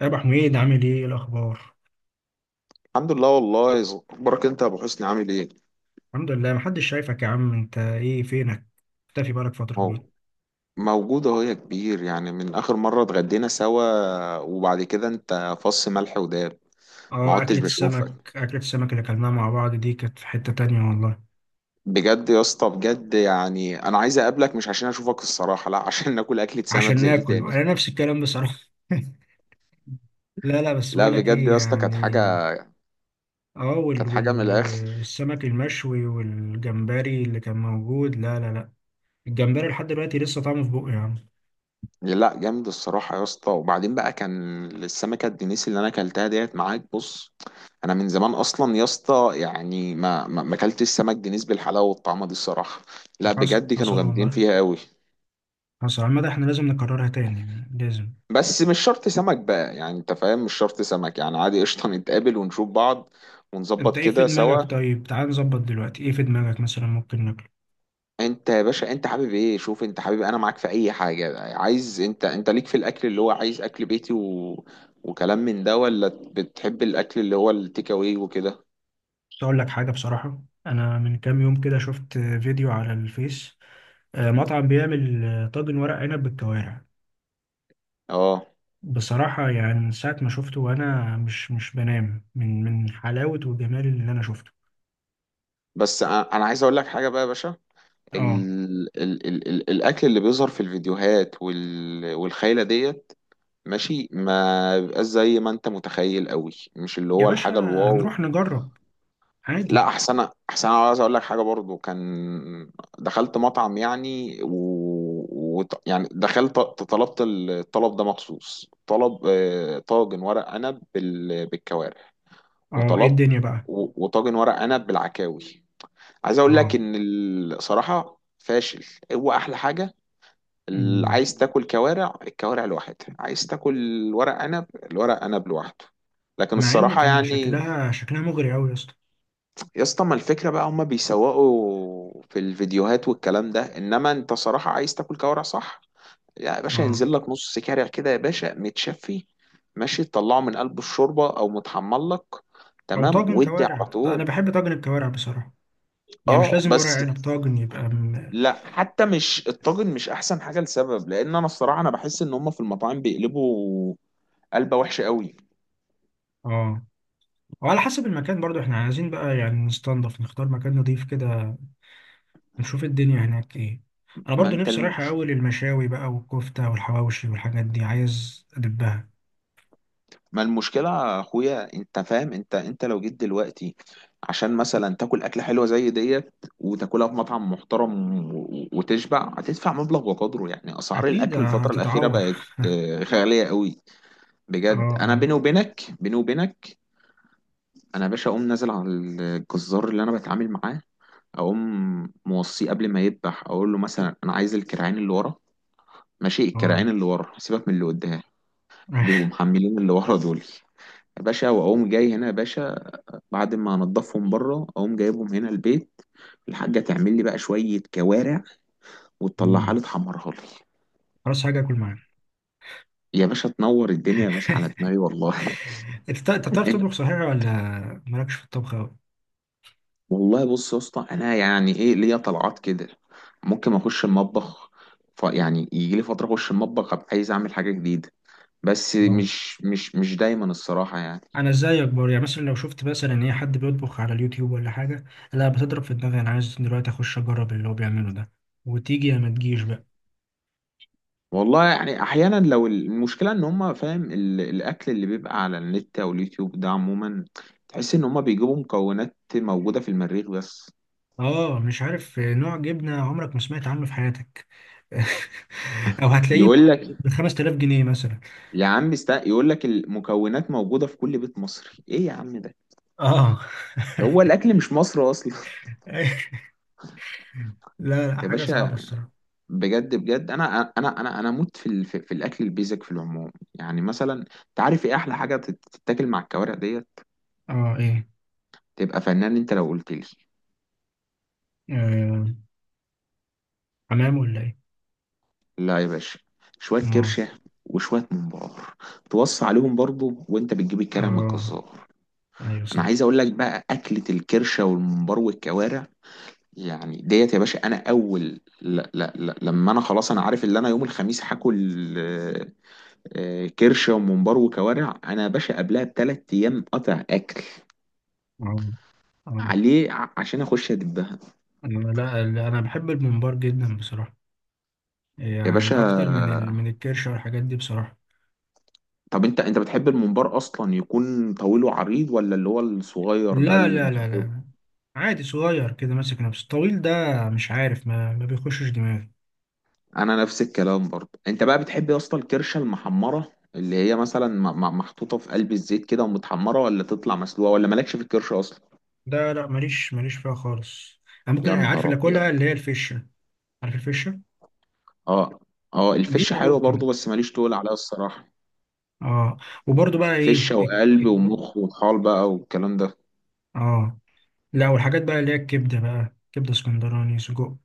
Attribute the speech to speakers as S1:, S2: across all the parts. S1: يا ابو حميد، عامل ايه؟ إيه الاخبار؟
S2: الحمد لله والله اخبارك انت يا ابو حسني؟ عامل ايه؟
S1: الحمد لله. محدش شايفك يا عم، انت ايه؟ فينك؟ مختفي بقالك فتره كبيره.
S2: اهو موجود اهو يا كبير. يعني من اخر مره اتغدينا سوا وبعد كده انت فص ملح وداب، ما
S1: اه،
S2: عدتش
S1: اكله
S2: بشوفك.
S1: السمك اكله السمك اللي اكلناها مع بعض دي كانت في حته تانية والله.
S2: بجد يا اسطى، بجد، يعني انا عايز اقابلك، مش عشان اشوفك الصراحه، لا، عشان ناكل اكله سمك
S1: عشان
S2: زي دي
S1: ناكل
S2: تاني.
S1: انا نفس الكلام بصراحه. لا لا، بس
S2: لا
S1: بقول لك
S2: بجد
S1: ايه
S2: يا اسطى، كانت
S1: يعني.
S2: حاجه،
S1: اه، وال
S2: كانت حاجه من
S1: وال
S2: الاخر.
S1: السمك المشوي والجمبري اللي كان موجود. لا لا لا. الجمبري لحد دلوقتي لسه طعمه في بقي يا عم.
S2: لا جامد الصراحة يا اسطى. وبعدين بقى كان السمكة الدنيسي اللي انا اكلتها ديت معاك، بص، انا من زمان اصلا يا اسطى، يعني ما اكلتش سمك دنيس بالحلاوة والطعمة دي الصراحة. لا
S1: حصل
S2: بجد كانوا
S1: حصل
S2: جامدين
S1: والله.
S2: فيها قوي.
S1: حصل عامة، احنا لازم نكررها تاني، لازم.
S2: بس مش شرط سمك بقى، يعني انت فاهم، مش شرط سمك، يعني عادي قشطة نتقابل ونشوف بعض
S1: انت
S2: ونظبط
S1: ايه في
S2: كده سوا.
S1: دماغك؟ طيب تعال نظبط دلوقتي. ايه في دماغك مثلا ممكن ناكله؟
S2: انت يا باشا انت حابب ايه؟ شوف انت حابب، انا معاك في اي حاجه، عايز انت ليك في الاكل اللي هو عايز اكل بيتي وكلام من ده، ولا بتحب الاكل اللي هو التيك اواي وكده؟
S1: بس اقول لك حاجه بصراحه، انا من كام يوم كده شفت فيديو على الفيس. مطعم بيعمل طاجن ورق عنب بالكوارع.
S2: اه.
S1: بصراحه يعني من ساعه ما شفته وانا مش بنام من حلاوه وجمال اللي انا شفته.
S2: بس انا عايز اقول لك حاجه بقى يا باشا.
S1: اه
S2: ال... الاكل اللي بيظهر في الفيديوهات وال... والخيله ديت ماشي، ما بيبقاش زي ما انت متخيل قوي، مش اللي
S1: يا
S2: هو
S1: باشا،
S2: الحاجه الواو.
S1: هنروح نجرب، عادي.
S2: لا، احسن انا عايز اقول لك حاجه برضو، كان دخلت مطعم يعني يعني دخلت طلبت الطلب ده مخصوص، طلب طاجن ورق عنب بالكوارع،
S1: اه، ايه
S2: وطلبت
S1: الدنيا بقى؟
S2: وطاجن ورق عنب بالعكاوي. عايز اقول لك
S1: اه.
S2: ان الصراحه فاشل. هو احلى حاجه، اللي
S1: مم.
S2: عايز تاكل كوارع الكوارع لوحدها، عايز تاكل ورق عنب الورق عنب لوحده، لكن
S1: مع ان
S2: الصراحه
S1: كان
S2: يعني.
S1: شكلها شكلها مغري قوي يا اسطى.
S2: يا اسطى، ما الفكرة بقى، هما بيسوقوا في الفيديوهات والكلام ده، انما انت صراحة عايز تاكل كوارع صح؟ يا باشا
S1: اه.
S2: ينزل لك نص كارع كده يا باشا متشفي، ماشي، تطلعه من قلب الشوربة او متحمر لك،
S1: او
S2: تمام،
S1: طاجن
S2: ودي
S1: كوارع،
S2: على
S1: انا
S2: طول.
S1: بحب طاجن الكوارع بصراحه. يعني مش
S2: اه
S1: لازم
S2: بس
S1: ورق عنب، طاجن يبقى
S2: لا حتى مش الطاجن، مش احسن حاجة لسبب، لان انا الصراحة انا بحس ان هما في المطاعم بيقلبوا قلبة وحشة قوي.
S1: اه. وعلى حسب المكان برضو احنا عايزين بقى يعني نستنضف، نختار مكان نضيف كده. نشوف الدنيا هناك ايه. انا
S2: ما
S1: برضو
S2: انت
S1: نفسي
S2: الم...
S1: رايح اول المشاوي بقى، والكفتة والحواوشي والحاجات دي عايز ادبها.
S2: ما المشكلة يا اخويا؟ انت فاهم، انت لو جيت دلوقتي عشان مثلا تاكل اكلة حلوة زي ديت وتاكلها في مطعم محترم وتشبع، هتدفع مبلغ وقدره، يعني اسعار
S1: اكيد
S2: الاكل الفترة الاخيرة
S1: هتتعور.
S2: بقت غالية قوي.
S1: اه.
S2: بجد، انا
S1: اه.
S2: بيني وبينك، بيني وبينك، انا يا باشا اقوم نازل على الجزار اللي انا بتعامل معاه، اقوم موصيه قبل ما يذبح، اقول له مثلا انا عايز الكرعين اللي ورا. ماشي، الكرعين
S1: اه.
S2: اللي ورا، سيبك من اللي قدام، بيبقوا محملين اللي ورا دول. يا باشا واقوم جاي هنا يا باشا، بعد ما انضفهم بره اقوم جايبهم هنا البيت. الحاجه تعمل لي بقى شويه كوارع، وتطلعها
S1: مم.
S2: لي، تحمرها لي.
S1: خلاص، حاجة اكل معاك.
S2: يا باشا تنور الدنيا يا باشا على دماغي والله.
S1: انت بتعرف تطبخ صحيح ولا؟ مالكش في الطبخ اوي؟
S2: والله بص يا اسطى، انا يعني ايه ليا طلعات كده، ممكن اخش المطبخ، ف يعني يجي لي فتره اخش المطبخ ابقى عايز اعمل حاجه جديده، بس مش دايما الصراحه يعني.
S1: انا ازاي اكبر؟ يعني مثلا لو شفت مثلا ان هي حد بيطبخ على اليوتيوب ولا حاجه. لا، بتضرب في دماغي، انا عايز دلوقتي اخش اجرب اللي هو بيعمله ده. وتيجي يا ما تجيش بقى.
S2: والله يعني احيانا، لو المشكله ان هم فاهم الاكل اللي بيبقى على النت او اليوتيوب ده عموما، تحس ان هم بيجيبوا مكونات موجوده في المريخ بس.
S1: اه، مش عارف نوع جبنه عمرك ما سمعت عنه في حياتك. او هتلاقيه
S2: يقول لك،
S1: ب 5000 جنيه مثلا.
S2: يقول لك المكونات موجوده في كل بيت مصري. ايه يا عم ده؟
S1: اه.
S2: هو الاكل مش مصر اصلا.
S1: لا لا،
S2: يا
S1: حاجه صعبه
S2: باشا،
S1: الصراحه.
S2: بجد بجد، انا اموت في في في الاكل البيزك في العموم. يعني مثلا انت عارف ايه احلى حاجه تتاكل مع الكوارع ديت؟
S1: اه. ايه؟
S2: تبقى فنان انت لو قلت لي.
S1: آه، حمام ولا ايه؟
S2: لا يا باشا، شوية
S1: ما.
S2: كرشة وشوية ممبار، توصي عليهم برضو وانت بتجيب الكرع من
S1: اه،
S2: الجزار.
S1: ايوه
S2: انا
S1: صح.
S2: عايز اقول لك بقى، اكلة الكرشة والممبار والكوارع، يعني ديت يا باشا. انا اول لا لما انا خلاص انا عارف ان انا يوم الخميس هاكل كرشة وممبار وكوارع، انا يا باشا قبلها ب3 ايام قطع اكل
S1: اه. اه.
S2: عليه عشان اخش ادبها.
S1: أنا- لا لا، انا بحب الممبار جدا بصراحه.
S2: يا باشا
S1: يعني اكتر من الكرش والحاجات دي بصراحة.
S2: طب انت بتحب الممبار اصلا يكون طويل وعريض، ولا اللي هو الصغير ده
S1: لا لا لا
S2: المخطوط؟
S1: لا، عادي صغير كده ماسك نفسه، الطويل ده. مش عارف، ما بيخشش دماغي.
S2: انا نفس الكلام برضه. انت بقى بتحب يا اسطى الكرشه المحمره، اللي هي مثلا محطوطه في قلب الزيت كده ومتحمره، ولا تطلع مسلوقه، ولا مالكش في الكرشه اصلا؟
S1: ده لا، ماليش ماليش فيها خالص. انا ممكن،
S2: يا
S1: عارف
S2: نهار
S1: اللي
S2: ابيض.
S1: اكلها اللي هي الفشة. عارف الفشة؟
S2: اه، اه
S1: دي
S2: الفشه
S1: اللي
S2: حلوه برضه،
S1: ممكن.
S2: بس ماليش تقول عليها الصراحه.
S1: اه. وبرضو بقى
S2: فشه
S1: ايه
S2: وقلب
S1: الك-
S2: ومخ وطحال بقى والكلام ده.
S1: اه. لا والحاجات بقى اللي هي الكبدة بقى، كبدة اسكندراني، سجق.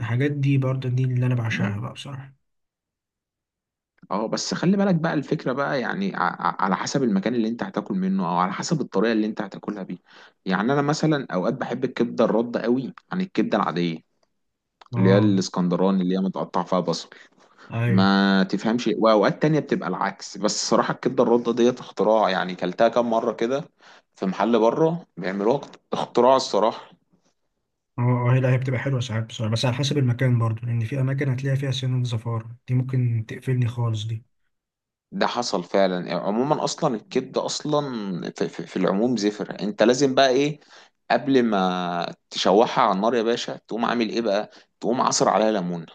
S1: الحاجات دي برضو دي اللي انا بعشقها
S2: مم.
S1: بقى بصراحة.
S2: اه بس خلي بالك بقى، الفكره بقى يعني على حسب المكان اللي انت هتاكل منه، او على حسب الطريقه اللي انت هتاكلها بيها. يعني انا مثلا اوقات بحب الكبده الرده قوي عن الكبده العاديه، اللي هي
S1: اه.
S2: الاسكندراني اللي هي متقطع فيها بصل،
S1: ايوه.
S2: ما تفهمش. واوقات تانية بتبقى العكس، بس الصراحة الكبدة الرده ديت اختراع، يعني كلتها كام مرة كده في محل بره بيعملوها، اختراع الصراحة.
S1: اه. اه. هي لا، هي بتبقى حلوة ساعات بصراحة، بس على حسب المكان برضو. لأن في أماكن هتلاقي فيها سنة زفارة، دي ممكن تقفلني خالص دي.
S2: ده حصل فعلا. يعني عموما، اصلا الكبدة اصلا في العموم زفر، انت لازم بقى ايه قبل ما تشوحها على النار يا باشا؟ تقوم عامل ايه بقى؟ تقوم عصر عليها ليمونة،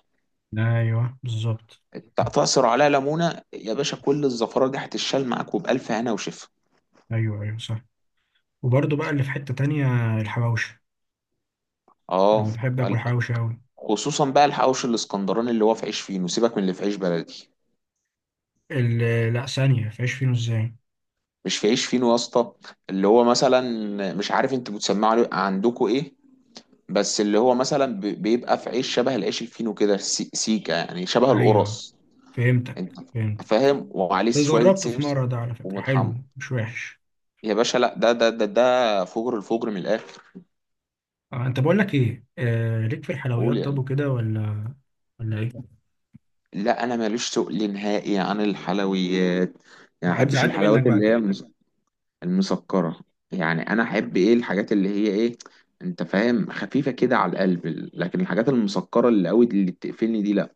S1: أيوه بالظبط.
S2: تعصر عليها ليمونة يا باشا، كل الزفرة دي هتتشال معاك، وبألف هنا وشفا.
S1: أيوه أيوه صح. وبرضو بقى اللي في حتة تانية، الحواوشي.
S2: اه،
S1: أنا بحب آكل حواوشي أوي.
S2: خصوصا بقى الحواوشي الاسكندراني، اللي هو في عيش فينو، سيبك من اللي في عيش بلدي.
S1: لا ثانية فيش فينو إزاي؟
S2: مش في عيش فينو يا اسطى، اللي هو مثلا، مش عارف انتوا بتسمعوا عليه، عندكم ايه، بس اللي هو مثلا بيبقى في عيش شبه العيش الفينو كده، سيكا، يعني شبه
S1: أيوه،
S2: القرص،
S1: فهمتك،
S2: انت
S1: فهمتك.
S2: فاهم، وعليه شوية
S1: جربته في مرة
S2: سمسم
S1: ده على فكرة، حلو
S2: ومطحمر.
S1: مش وحش.
S2: يا باشا لا، ده فجر الفجر من الاخر.
S1: أنت، بقول لك إيه، ليك في الحلويات
S2: قول يا
S1: طب
S2: قلبي.
S1: وكده ولا؟ ولا إيه؟
S2: لا انا ماليش تقل نهائي عن الحلويات، يعني ما احبش
S1: هتزعلني منك
S2: الحلويات اللي
S1: بقى.
S2: هي المسكرة. يعني أنا أحب إيه؟ الحاجات اللي هي إيه، أنت فاهم، خفيفة كده على القلب. لكن الحاجات المسكرة اللي قوي دي اللي بتقفلني دي لأ.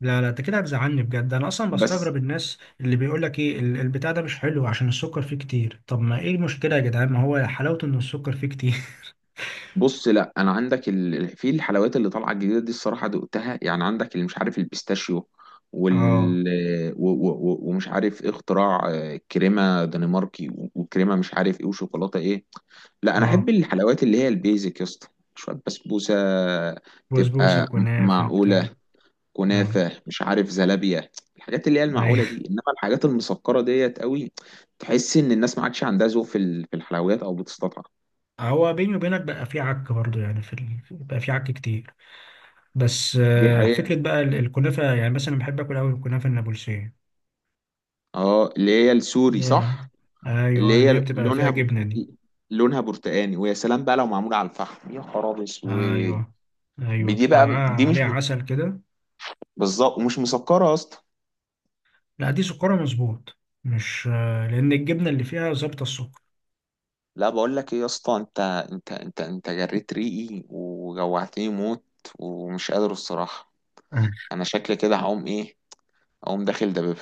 S1: لا لا، انت كده هتزعلني بجد. انا اصلا
S2: بس
S1: بستغرب الناس اللي بيقول لك ايه، البتاع ده مش حلو عشان السكر فيه كتير. طب ما ايه المشكله يا جدعان، ما هو حلاوته ان السكر فيه كتير.
S2: بص، لأ، أنا عندك في الحلويات اللي طالعة الجديدة دي، الصراحة دقتها، يعني عندك اللي مش عارف البيستاشيو
S1: اه.
S2: وال ومش عارف إيه، اختراع كريمة دنماركي وكريمة مش عارف إيه، وشوكولاتة إيه. لا انا احب
S1: اه.
S2: الحلويات اللي هي البيزك يا اسطى، شويه بسبوسه،
S1: بسبوسه،
S2: تبقى
S1: كنافه، بتاع.
S2: معقوله،
S1: اه.
S2: كنافه، مش عارف زلابيه، الحاجات اللي هي المعقوله
S1: ايوه.
S2: دي. انما الحاجات المسكره ديت قوي، تحس ان الناس ما عادش عندها ذوق في الحلويات، او بتستطعم.
S1: هو بيني وبينك بقى، فيه عك برضه، يعني بقى فيه عك كتير. بس
S2: دي حقيقه.
S1: فكره بقى الكنافه، يعني مثلا بحب اكل قوي الكنافه النابلسيه.
S2: اه، اللي هي السوري
S1: يا.
S2: صح،
S1: ايوه،
S2: اللي هي
S1: اللي هي بتبقى فيها
S2: لونها
S1: جبنه دي.
S2: لونها برتقاني، ويا سلام بقى لو معموله على الفحم يا خراب اسود.
S1: ايوه ايوه،
S2: دي
S1: بتبقى
S2: بقى
S1: معاها
S2: دي مش،
S1: عليها عسل كده.
S2: بالظبط، ومش مسكره يا اسطى.
S1: لا، دي سكرها مظبوط. مش لأن الجبنة اللي فيها ظابطة السكر.
S2: لا بقول لك ايه يا اسطى، انت جريت ريقي وجوعتني موت، ومش قادر الصراحه.
S1: أه.
S2: انا شكلي كده هقوم ايه، اقوم داخل دبابة.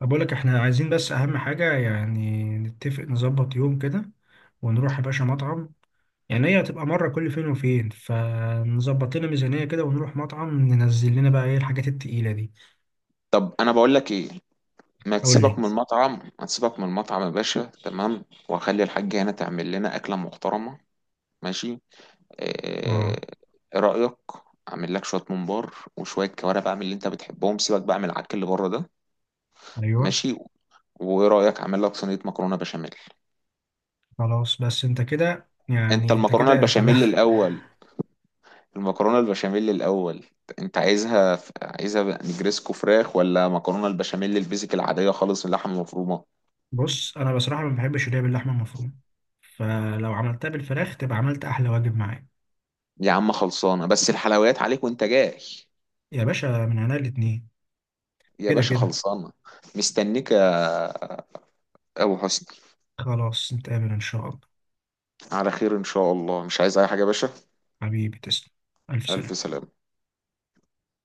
S1: طب أقول لك، إحنا عايزين بس أهم حاجة يعني نتفق، نظبط يوم كده. ونروح يا باشا مطعم. يعني هي هتبقى مرة كل فين وفين، فنظبط لنا ميزانية كده ونروح مطعم، ننزل لنا بقى إيه الحاجات التقيلة دي.
S2: طب انا بقول لك ايه، ما
S1: قول
S2: تسيبك
S1: لي.
S2: من المطعم، ما تسيبك من المطعم يا باشا، تمام، واخلي الحاجة هنا تعمل لنا اكلة محترمة، ماشي؟
S1: آه.
S2: ايه رأيك اعمل لك شوية ممبار وشوية كوارع بقى من اللي انت بتحبهم، سيبك بقى من العك اللي بره ده،
S1: أيوه.
S2: ماشي؟ وايه رأيك اعمل لك صينية مكرونة بشاميل؟
S1: خلاص، بس أنت كده
S2: انت
S1: يعني، أنت
S2: المكرونة
S1: كده خلاص.
S2: البشاميل الاول، المكرونة البشاميل الاول. انت عايزها، عايزها نجريسكو فراخ، ولا مكرونة البشاميل البيزك العادية خالص اللحمة المفرومة؟
S1: بص، أنا بصراحة ما بحبش اللي هي باللحمة المفرومة. فلو عملتها بالفراخ تبقى عملت أحلى واجب معايا.
S2: يا عم خلصانة، بس الحلويات عليك وانت جاي.
S1: يا باشا من عنا الاتنين.
S2: يا
S1: كده
S2: باشا
S1: كده.
S2: خلصانة. مستنيك يا أبو حسني.
S1: خلاص، نتقابل إن شاء الله.
S2: على خير إن شاء الله، مش عايز أي حاجة يا باشا.
S1: حبيبي تسلم. ألف
S2: ألف
S1: سلامة.
S2: سلامة.